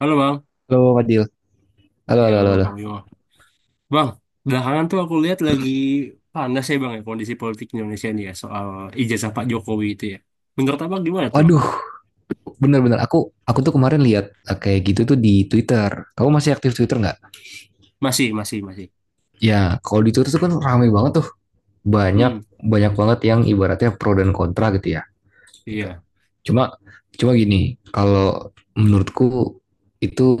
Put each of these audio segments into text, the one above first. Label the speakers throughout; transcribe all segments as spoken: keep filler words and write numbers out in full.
Speaker 1: Halo Bang.
Speaker 2: Halo Fadil. Halo,
Speaker 1: Ya
Speaker 2: halo, halo, halo.
Speaker 1: Bang Yo. Bang, belakangan tuh aku lihat lagi panas ya Bang ya kondisi politik Indonesia nih ya soal ijazah Pak Jokowi itu ya. Menurut Abang gimana tuh Bang?
Speaker 2: Waduh, bener-bener aku aku tuh kemarin lihat eh, kayak gitu tuh di Twitter. Kamu masih aktif Twitter nggak?
Speaker 1: Masih, masih, masih.
Speaker 2: Ya, kalau di Twitter tuh kan ramai banget tuh. Banyak
Speaker 1: Hmm,
Speaker 2: banyak banget yang ibaratnya pro dan kontra gitu ya. Gitu.
Speaker 1: iya.
Speaker 2: Cuma cuma gini, kalau menurutku itu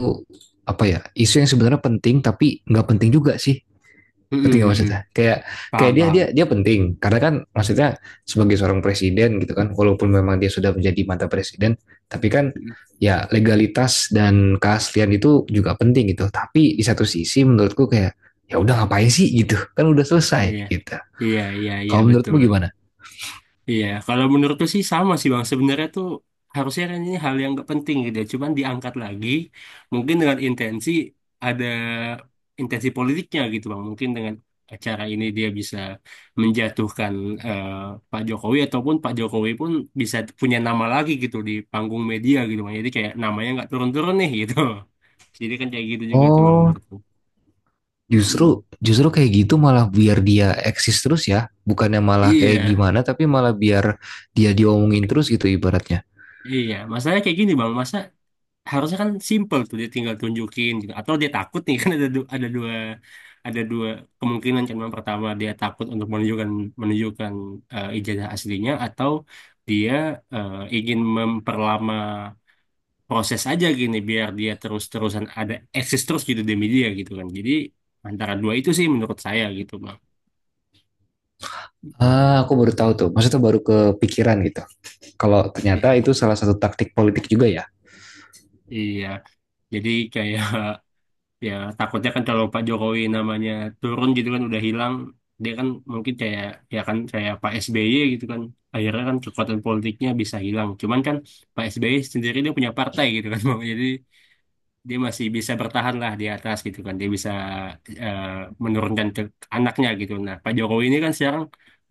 Speaker 2: apa ya? Isu yang sebenarnya penting tapi nggak penting juga sih.
Speaker 1: Hmm,
Speaker 2: Penting
Speaker 1: hmm, hmm.
Speaker 2: maksudnya kayak kayak
Speaker 1: Paham,
Speaker 2: dia dia
Speaker 1: paham.
Speaker 2: dia penting karena kan maksudnya sebagai seorang presiden gitu kan walaupun memang dia sudah menjadi mantan presiden tapi kan
Speaker 1: Mm-mm.
Speaker 2: ya legalitas dan keaslian itu juga penting gitu tapi di satu sisi menurutku kayak ya udah ngapain sih gitu kan udah selesai
Speaker 1: Iya,
Speaker 2: gitu.
Speaker 1: iya, iya, iya
Speaker 2: Kalau menurutmu
Speaker 1: betul.
Speaker 2: gimana?
Speaker 1: Iya, kalau menurutku sih sama sih Bang. Sebenarnya tuh harusnya kan ini hal yang gak penting gitu ya. Cuman diangkat lagi mungkin dengan intensi ada intensi politiknya gitu Bang. Mungkin dengan acara ini dia bisa menjatuhkan eh, Pak Jokowi ataupun Pak Jokowi pun bisa punya nama lagi gitu di panggung media gitu Bang. Jadi kayak namanya nggak turun-turun nih gitu. Jadi kan kayak gitu juga tuh Bang
Speaker 2: Oh,
Speaker 1: menurutku.
Speaker 2: justru
Speaker 1: Mm.
Speaker 2: justru kayak gitu malah biar dia eksis terus ya, bukannya malah kayak
Speaker 1: Iya,
Speaker 2: gimana tapi malah biar dia diomongin terus gitu ibaratnya.
Speaker 1: iya. Masalahnya kayak gini Bang. Masa harusnya kan simple tuh dia tinggal tunjukin gitu. Atau dia takut nih kan ada du- ada dua ada dua kemungkinan kan yang pertama dia takut untuk menunjukkan menunjukkan eh, ijazah aslinya atau dia eh, ingin memperlama proses aja gini biar dia terus-terusan ada eksis terus gitu demi dia gitu kan. Jadi antara dua itu sih menurut saya gitu Bang.
Speaker 2: Ah, aku baru tahu tuh, maksudnya baru kepikiran gitu. Kalau ternyata
Speaker 1: Iya,
Speaker 2: itu salah satu taktik politik juga ya.
Speaker 1: Iya. Jadi kayak ya takutnya kan kalau Pak Jokowi namanya turun gitu kan udah hilang dia kan mungkin kayak ya kan kayak Pak S B Y gitu kan akhirnya kan kekuatan politiknya bisa hilang cuman kan Pak S B Y sendiri dia punya partai gitu kan bang jadi dia masih bisa bertahan lah di atas gitu kan dia bisa eh, menurunkan ke anaknya gitu nah Pak Jokowi ini kan sekarang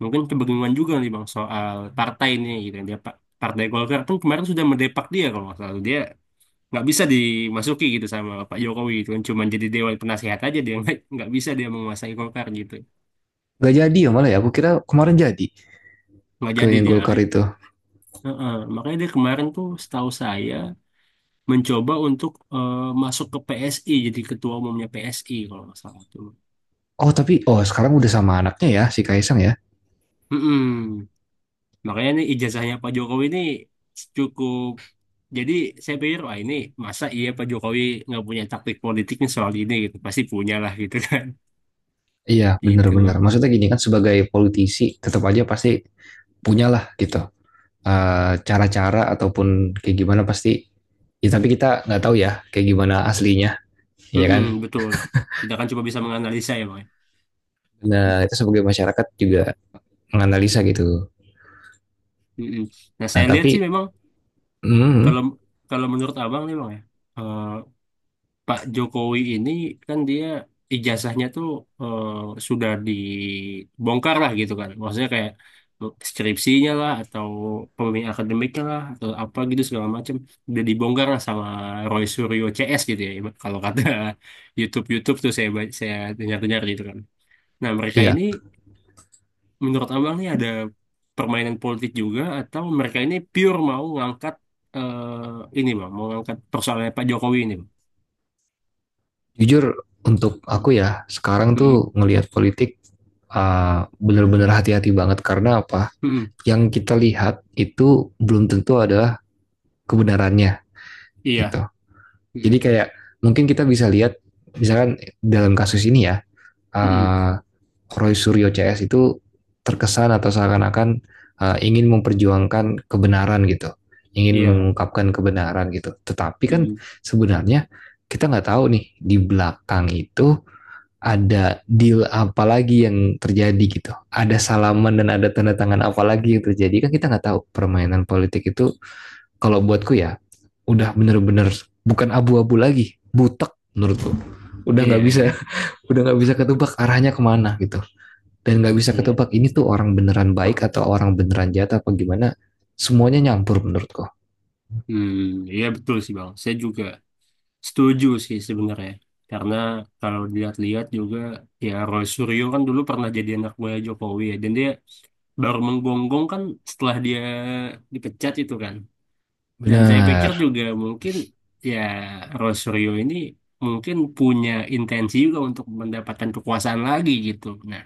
Speaker 1: mungkin kebingungan juga nih bang soal partai ini gitu kan. Dia Pak Partai Golkar pun kemarin sudah mendepak dia kalau nggak salah dia nggak bisa dimasuki gitu sama Pak Jokowi gitu kan cuman jadi dewan penasehat aja dia nggak nggak bisa dia menguasai Golkar gitu
Speaker 2: Gak jadi ya malah ya, aku kira kemarin jadi
Speaker 1: nggak
Speaker 2: ke
Speaker 1: jadi dia.
Speaker 2: Golkar itu.
Speaker 1: Heeh. Makanya dia kemarin tuh setahu saya mencoba untuk eh, masuk ke P S I jadi ketua umumnya P S I kalau nggak salah tuh.
Speaker 2: Oh tapi, oh, sekarang udah sama anaknya ya, si Kaisang ya.
Speaker 1: Mm-mm. Makanya nih ijazahnya Pak Jokowi ini cukup jadi saya pikir wah ini masa iya Pak Jokowi nggak punya taktik politiknya soal ini gitu pasti punya lah gitu kan
Speaker 2: Iya
Speaker 1: gitu
Speaker 2: bener-bener,
Speaker 1: bang.
Speaker 2: maksudnya gini kan sebagai politisi tetap aja pasti punyalah gitu. eh, Cara-cara ataupun kayak gimana pasti. Ya, tapi kita nggak tahu ya kayak gimana aslinya, ya
Speaker 1: Mm-mm,
Speaker 2: kan?
Speaker 1: betul tidak kan cuma bisa menganalisa ya bang ya.
Speaker 2: Nah, itu sebagai masyarakat juga menganalisa gitu.
Speaker 1: Mm-mm. Nah,
Speaker 2: Nah,
Speaker 1: saya lihat sih
Speaker 2: tapi,
Speaker 1: memang
Speaker 2: hmm,
Speaker 1: kalau kalau menurut abang nih bang ya, eh, Pak Jokowi ini kan dia ijazahnya tuh eh, sudah dibongkar lah gitu kan. Maksudnya kayak eh, skripsinya lah atau pembimbing akademiknya lah atau apa gitu segala macam udah dibongkar lah sama Roy Suryo C S gitu ya. Kalau kata YouTube-YouTube tuh saya ba- saya dengar-dengar gitu kan. Nah, mereka
Speaker 2: ya
Speaker 1: ini menurut abang nih ada permainan politik juga atau mereka ini pure mau ngangkat eh, ini bang, mau ngangkat persoalannya Pak Jokowi ini bang.
Speaker 2: jujur untuk
Speaker 1: Mm,
Speaker 2: aku ya sekarang
Speaker 1: mm,
Speaker 2: tuh ngelihat politik uh, benar-benar hati-hati banget karena apa?
Speaker 1: mm,
Speaker 2: Yang kita lihat itu belum tentu adalah kebenarannya gitu.
Speaker 1: iya,
Speaker 2: Jadi
Speaker 1: mm,
Speaker 2: kayak mungkin kita bisa lihat misalkan dalam kasus ini ya,
Speaker 1: mm,
Speaker 2: uh, Roy Suryo C S itu terkesan atau seakan-akan uh, ingin memperjuangkan kebenaran gitu, ingin
Speaker 1: iya,
Speaker 2: mengungkapkan kebenaran gitu. Tetapi kan
Speaker 1: mm,
Speaker 2: sebenarnya kita nggak tahu nih di belakang itu ada deal apa lagi yang terjadi gitu. Ada salaman dan ada tanda tangan apa lagi yang terjadi. Kan kita nggak tahu permainan politik itu kalau buatku ya udah bener-bener bukan abu-abu lagi. Butek menurutku. Udah nggak
Speaker 1: iya, iya,
Speaker 2: bisa, udah nggak bisa ketebak arahnya kemana gitu. Dan nggak bisa
Speaker 1: iya.
Speaker 2: ketebak ini tuh orang beneran baik atau orang beneran jahat apa gimana. Semuanya nyampur menurutku.
Speaker 1: Hmm, iya betul sih bang. Saya juga setuju sih sebenarnya. Karena kalau dilihat-lihat juga ya Roy Suryo kan dulu pernah jadi anak buah Jokowi ya. Dan dia baru menggonggong kan setelah dia dipecat itu kan. Dan saya pikir
Speaker 2: Benar.
Speaker 1: juga mungkin ya Rosario ini mungkin punya intensi juga untuk mendapatkan kekuasaan lagi gitu. Nah,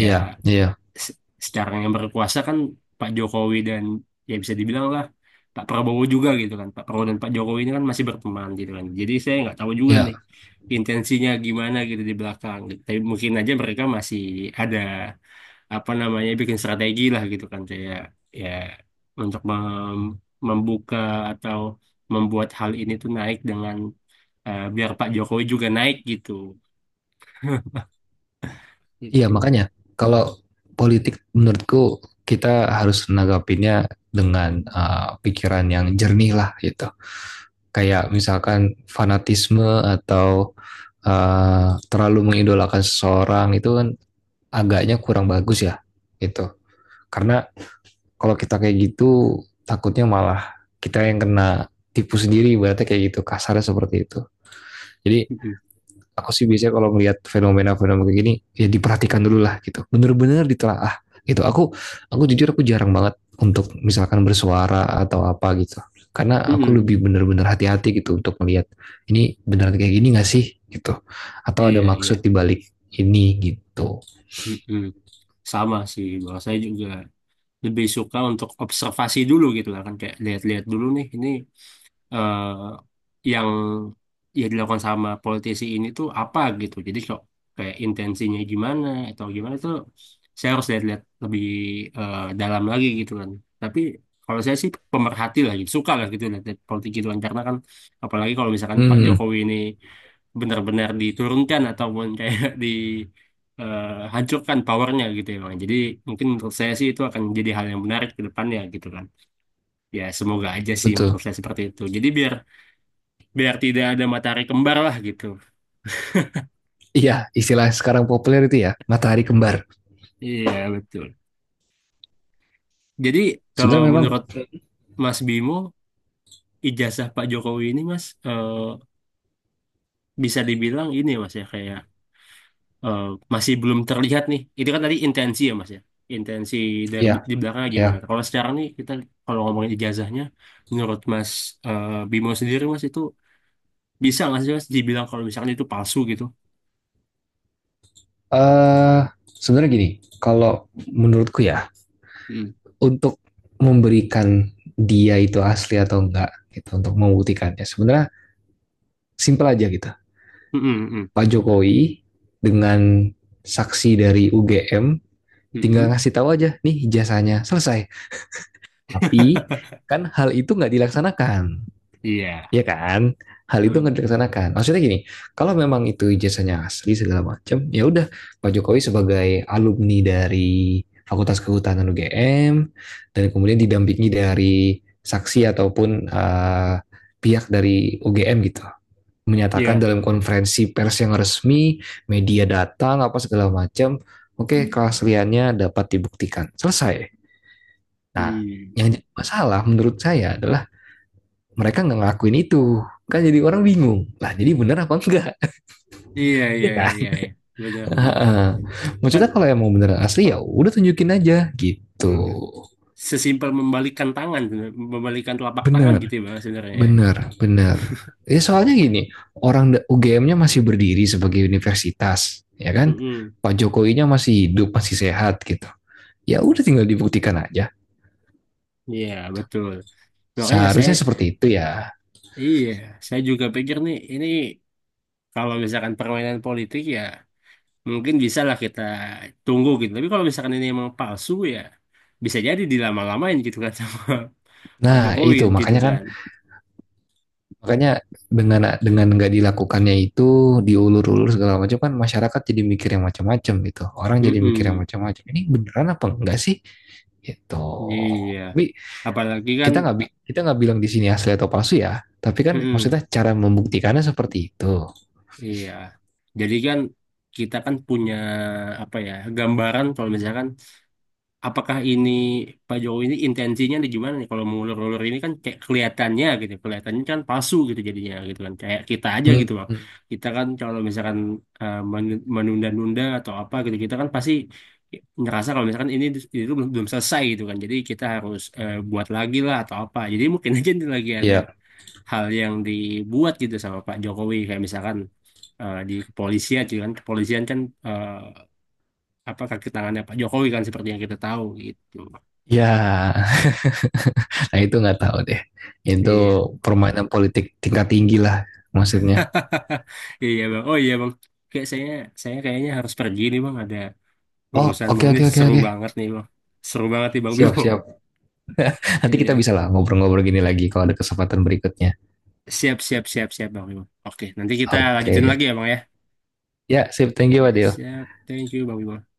Speaker 1: ya
Speaker 2: Iya, iya.
Speaker 1: se- sekarang yang berkuasa kan Pak Jokowi dan ya bisa dibilang lah Pak Prabowo juga gitu kan. Pak Prabowo dan Pak Jokowi ini kan masih berteman gitu kan. Jadi saya nggak tahu juga
Speaker 2: Ya,
Speaker 1: nih intensinya gimana gitu di belakang. Tapi mungkin aja mereka masih ada apa namanya bikin strategi lah gitu kan kayak ya untuk mem- membuka atau membuat hal ini tuh naik dengan eh, biar Pak Jokowi juga naik gitu
Speaker 2: iya
Speaker 1: gitu.
Speaker 2: makanya kalau politik menurutku kita harus menanggapinya dengan uh, pikiran yang jernih lah gitu. Kayak misalkan fanatisme atau uh, terlalu mengidolakan seseorang itu kan agaknya kurang bagus ya gitu. Karena kalau kita kayak gitu takutnya malah kita yang kena tipu sendiri berarti, kayak gitu kasarnya seperti itu. Jadi
Speaker 1: Mm-mm.
Speaker 2: aku sih biasanya kalau melihat fenomena-fenomena kayak gini ya diperhatikan dulu lah gitu bener-bener ditelaah gitu. Aku aku jujur aku jarang banget untuk misalkan bersuara atau apa gitu, karena
Speaker 1: Mm-mm,
Speaker 2: aku lebih
Speaker 1: mm-mm.
Speaker 2: bener-bener hati-hati gitu untuk melihat ini beneran kayak gini gak sih gitu, atau ada
Speaker 1: Iya iya.
Speaker 2: maksud dibalik ini gitu.
Speaker 1: Mm-mm. Sama sih bahwa saya juga lebih suka untuk observasi dulu gitu lah kan kayak lihat-lihat dulu nih ini eh, yang ya dilakukan sama politisi ini tuh apa gitu. Jadi kok kayak intensinya gimana atau gimana tuh saya harus lihat-lihat lebih eh, dalam lagi gitu kan. Tapi kalau saya sih pemerhati lah gitu, suka lah gitu lihat politik gitu kan. Karena kan apalagi kalau misalkan Pak
Speaker 2: hmm
Speaker 1: Jokowi ini benar-benar diturunkan ataupun kayak di eh, hancurkan powernya gitu ya Bang. Jadi mungkin menurut saya sih itu akan jadi hal yang menarik ke depannya gitu kan. Ya semoga aja sih menurut
Speaker 2: Betul.
Speaker 1: saya seperti itu. Jadi biar biar tidak ada matahari kembar lah gitu.
Speaker 2: Iya, istilah sekarang populer itu ya matahari kembar.
Speaker 1: Iya, betul. Jadi kalau
Speaker 2: Sebenarnya memang
Speaker 1: menurut Mas Bimo, ijazah Pak Jokowi ini Mas eh, bisa dibilang ini Mas ya kayak eh, masih belum terlihat nih. Itu kan tadi intensi ya Mas ya. Intensi dari
Speaker 2: ya.
Speaker 1: di belakang gimana?
Speaker 2: Ya,
Speaker 1: Kalau sekarang nih kita kalau ngomongin ijazahnya, menurut Mas eh, Bimo sendiri Mas itu bisa nggak sih Mas dibilang kalau misalkan itu palsu gitu?
Speaker 2: eh sebenarnya gini, kalau menurutku ya,
Speaker 1: Hmm.
Speaker 2: untuk memberikan dia itu asli atau enggak gitu untuk membuktikannya. Sebenarnya simpel aja gitu.
Speaker 1: Mm-mm, mm.
Speaker 2: Pak Jokowi dengan saksi dari U G M tinggal
Speaker 1: Mm-mm.
Speaker 2: ngasih tahu aja nih ijazahnya selesai. Tapi kan hal itu nggak dilaksanakan.
Speaker 1: Iya.
Speaker 2: Iya kan? Hal itu
Speaker 1: Hmm,
Speaker 2: nggak dilaksanakan. Maksudnya gini, kalau memang itu ijazahnya asli segala macam, ya udah Pak Jokowi sebagai alumni dari Fakultas Kehutanan U G M dan kemudian didampingi dari saksi ataupun eh, pihak dari U G M gitu menyatakan
Speaker 1: iya.
Speaker 2: dalam konferensi pers yang resmi, media datang apa segala macam, oke keasliannya dapat dibuktikan. Selesai. Nah,
Speaker 1: Hmm.
Speaker 2: yang jadi masalah menurut saya adalah mereka nggak ngakuin itu, kan jadi orang bingung lah jadi bener apa enggak,
Speaker 1: Iya,
Speaker 2: ya
Speaker 1: iya,
Speaker 2: kan?
Speaker 1: iya, iya. Benar, benar. Kan
Speaker 2: Maksudnya kalau yang mau bener asli ya udah tunjukin aja gitu.
Speaker 1: mm, sesimpel membalikan tangan, sebenarnya. Membalikan telapak tangan
Speaker 2: bener
Speaker 1: gitu ya, Bang, sebenarnya. Ya.
Speaker 2: bener bener. Ya soalnya gini, orang U G M-nya masih berdiri sebagai universitas ya kan,
Speaker 1: Mm-mm.
Speaker 2: Pak Jokowinya masih hidup masih sehat gitu, ya udah tinggal dibuktikan aja,
Speaker 1: Iya, betul. Makanya saya,
Speaker 2: seharusnya seperti itu ya.
Speaker 1: iya, saya juga pikir nih, ini kalau misalkan permainan politik ya, mungkin bisa lah kita tunggu gitu. Tapi kalau misalkan ini emang palsu ya, bisa jadi dilama-lamain gitu kan sama Pak
Speaker 2: Nah
Speaker 1: Jokowi
Speaker 2: itu
Speaker 1: gitu
Speaker 2: makanya kan.
Speaker 1: kan.
Speaker 2: Makanya dengan dengan nggak dilakukannya itu, diulur-ulur segala macam kan masyarakat jadi mikir yang macam-macam gitu. Orang jadi mikir yang
Speaker 1: Mm-mm.
Speaker 2: macam-macam. Ini beneran apa enggak sih? Gitu.
Speaker 1: Iya,
Speaker 2: Tapi
Speaker 1: apalagi kan,
Speaker 2: kita nggak kita nggak bilang di sini asli atau palsu ya. Tapi kan
Speaker 1: mm-mm.
Speaker 2: maksudnya cara membuktikannya seperti itu.
Speaker 1: Iya. Jadi kan kita kan punya apa ya gambaran kalau misalkan apakah ini Pak Jokowi ini intensinya nih gimana nih kalau mengulur-ulur ini kan kayak kelihatannya gitu, kelihatannya kan palsu gitu jadinya gitu kan kayak kita aja
Speaker 2: Hmm.
Speaker 1: gitu loh.
Speaker 2: Hmm.
Speaker 1: Kita kan kalau misalkan eh, men- menunda-nunda atau apa gitu kita kan pasti ngerasa kalau misalkan ini itu belum, belum selesai gitu kan. Jadi kita harus eh, buat lagi lah atau apa. Jadi mungkin aja nih lagi ada
Speaker 2: Ya,
Speaker 1: hal yang dibuat gitu sama Pak Jokowi kayak misalkan eh, di kepolisian juga kan kepolisian kan eh, apa kaki tangannya Pak Jokowi kan seperti yang kita tahu gitu
Speaker 2: ya. Nah itu nggak tahu deh. Itu
Speaker 1: iya.
Speaker 2: permainan politik tingkat tinggi lah maksudnya.
Speaker 1: Iya bang, oh iya bang, kayak saya saya kayaknya harus pergi nih bang, ada
Speaker 2: Oh,
Speaker 1: urusan bang,
Speaker 2: oke
Speaker 1: ini
Speaker 2: oke oke
Speaker 1: seru
Speaker 2: oke.
Speaker 1: banget nih bang, seru banget nih bang
Speaker 2: Siap
Speaker 1: Bimo.
Speaker 2: siap. Nanti kita
Speaker 1: Iya,
Speaker 2: bisa lah ngobrol-ngobrol gini lagi kalau ada kesempatan berikutnya.
Speaker 1: siap siap siap siap bang Bimo, oke, nanti kita lanjutin lagi
Speaker 2: Oke.
Speaker 1: ya bang ya.
Speaker 2: Ya, sip. Thank you,
Speaker 1: Iya,
Speaker 2: Adil.
Speaker 1: siap, thank you bang Bimo.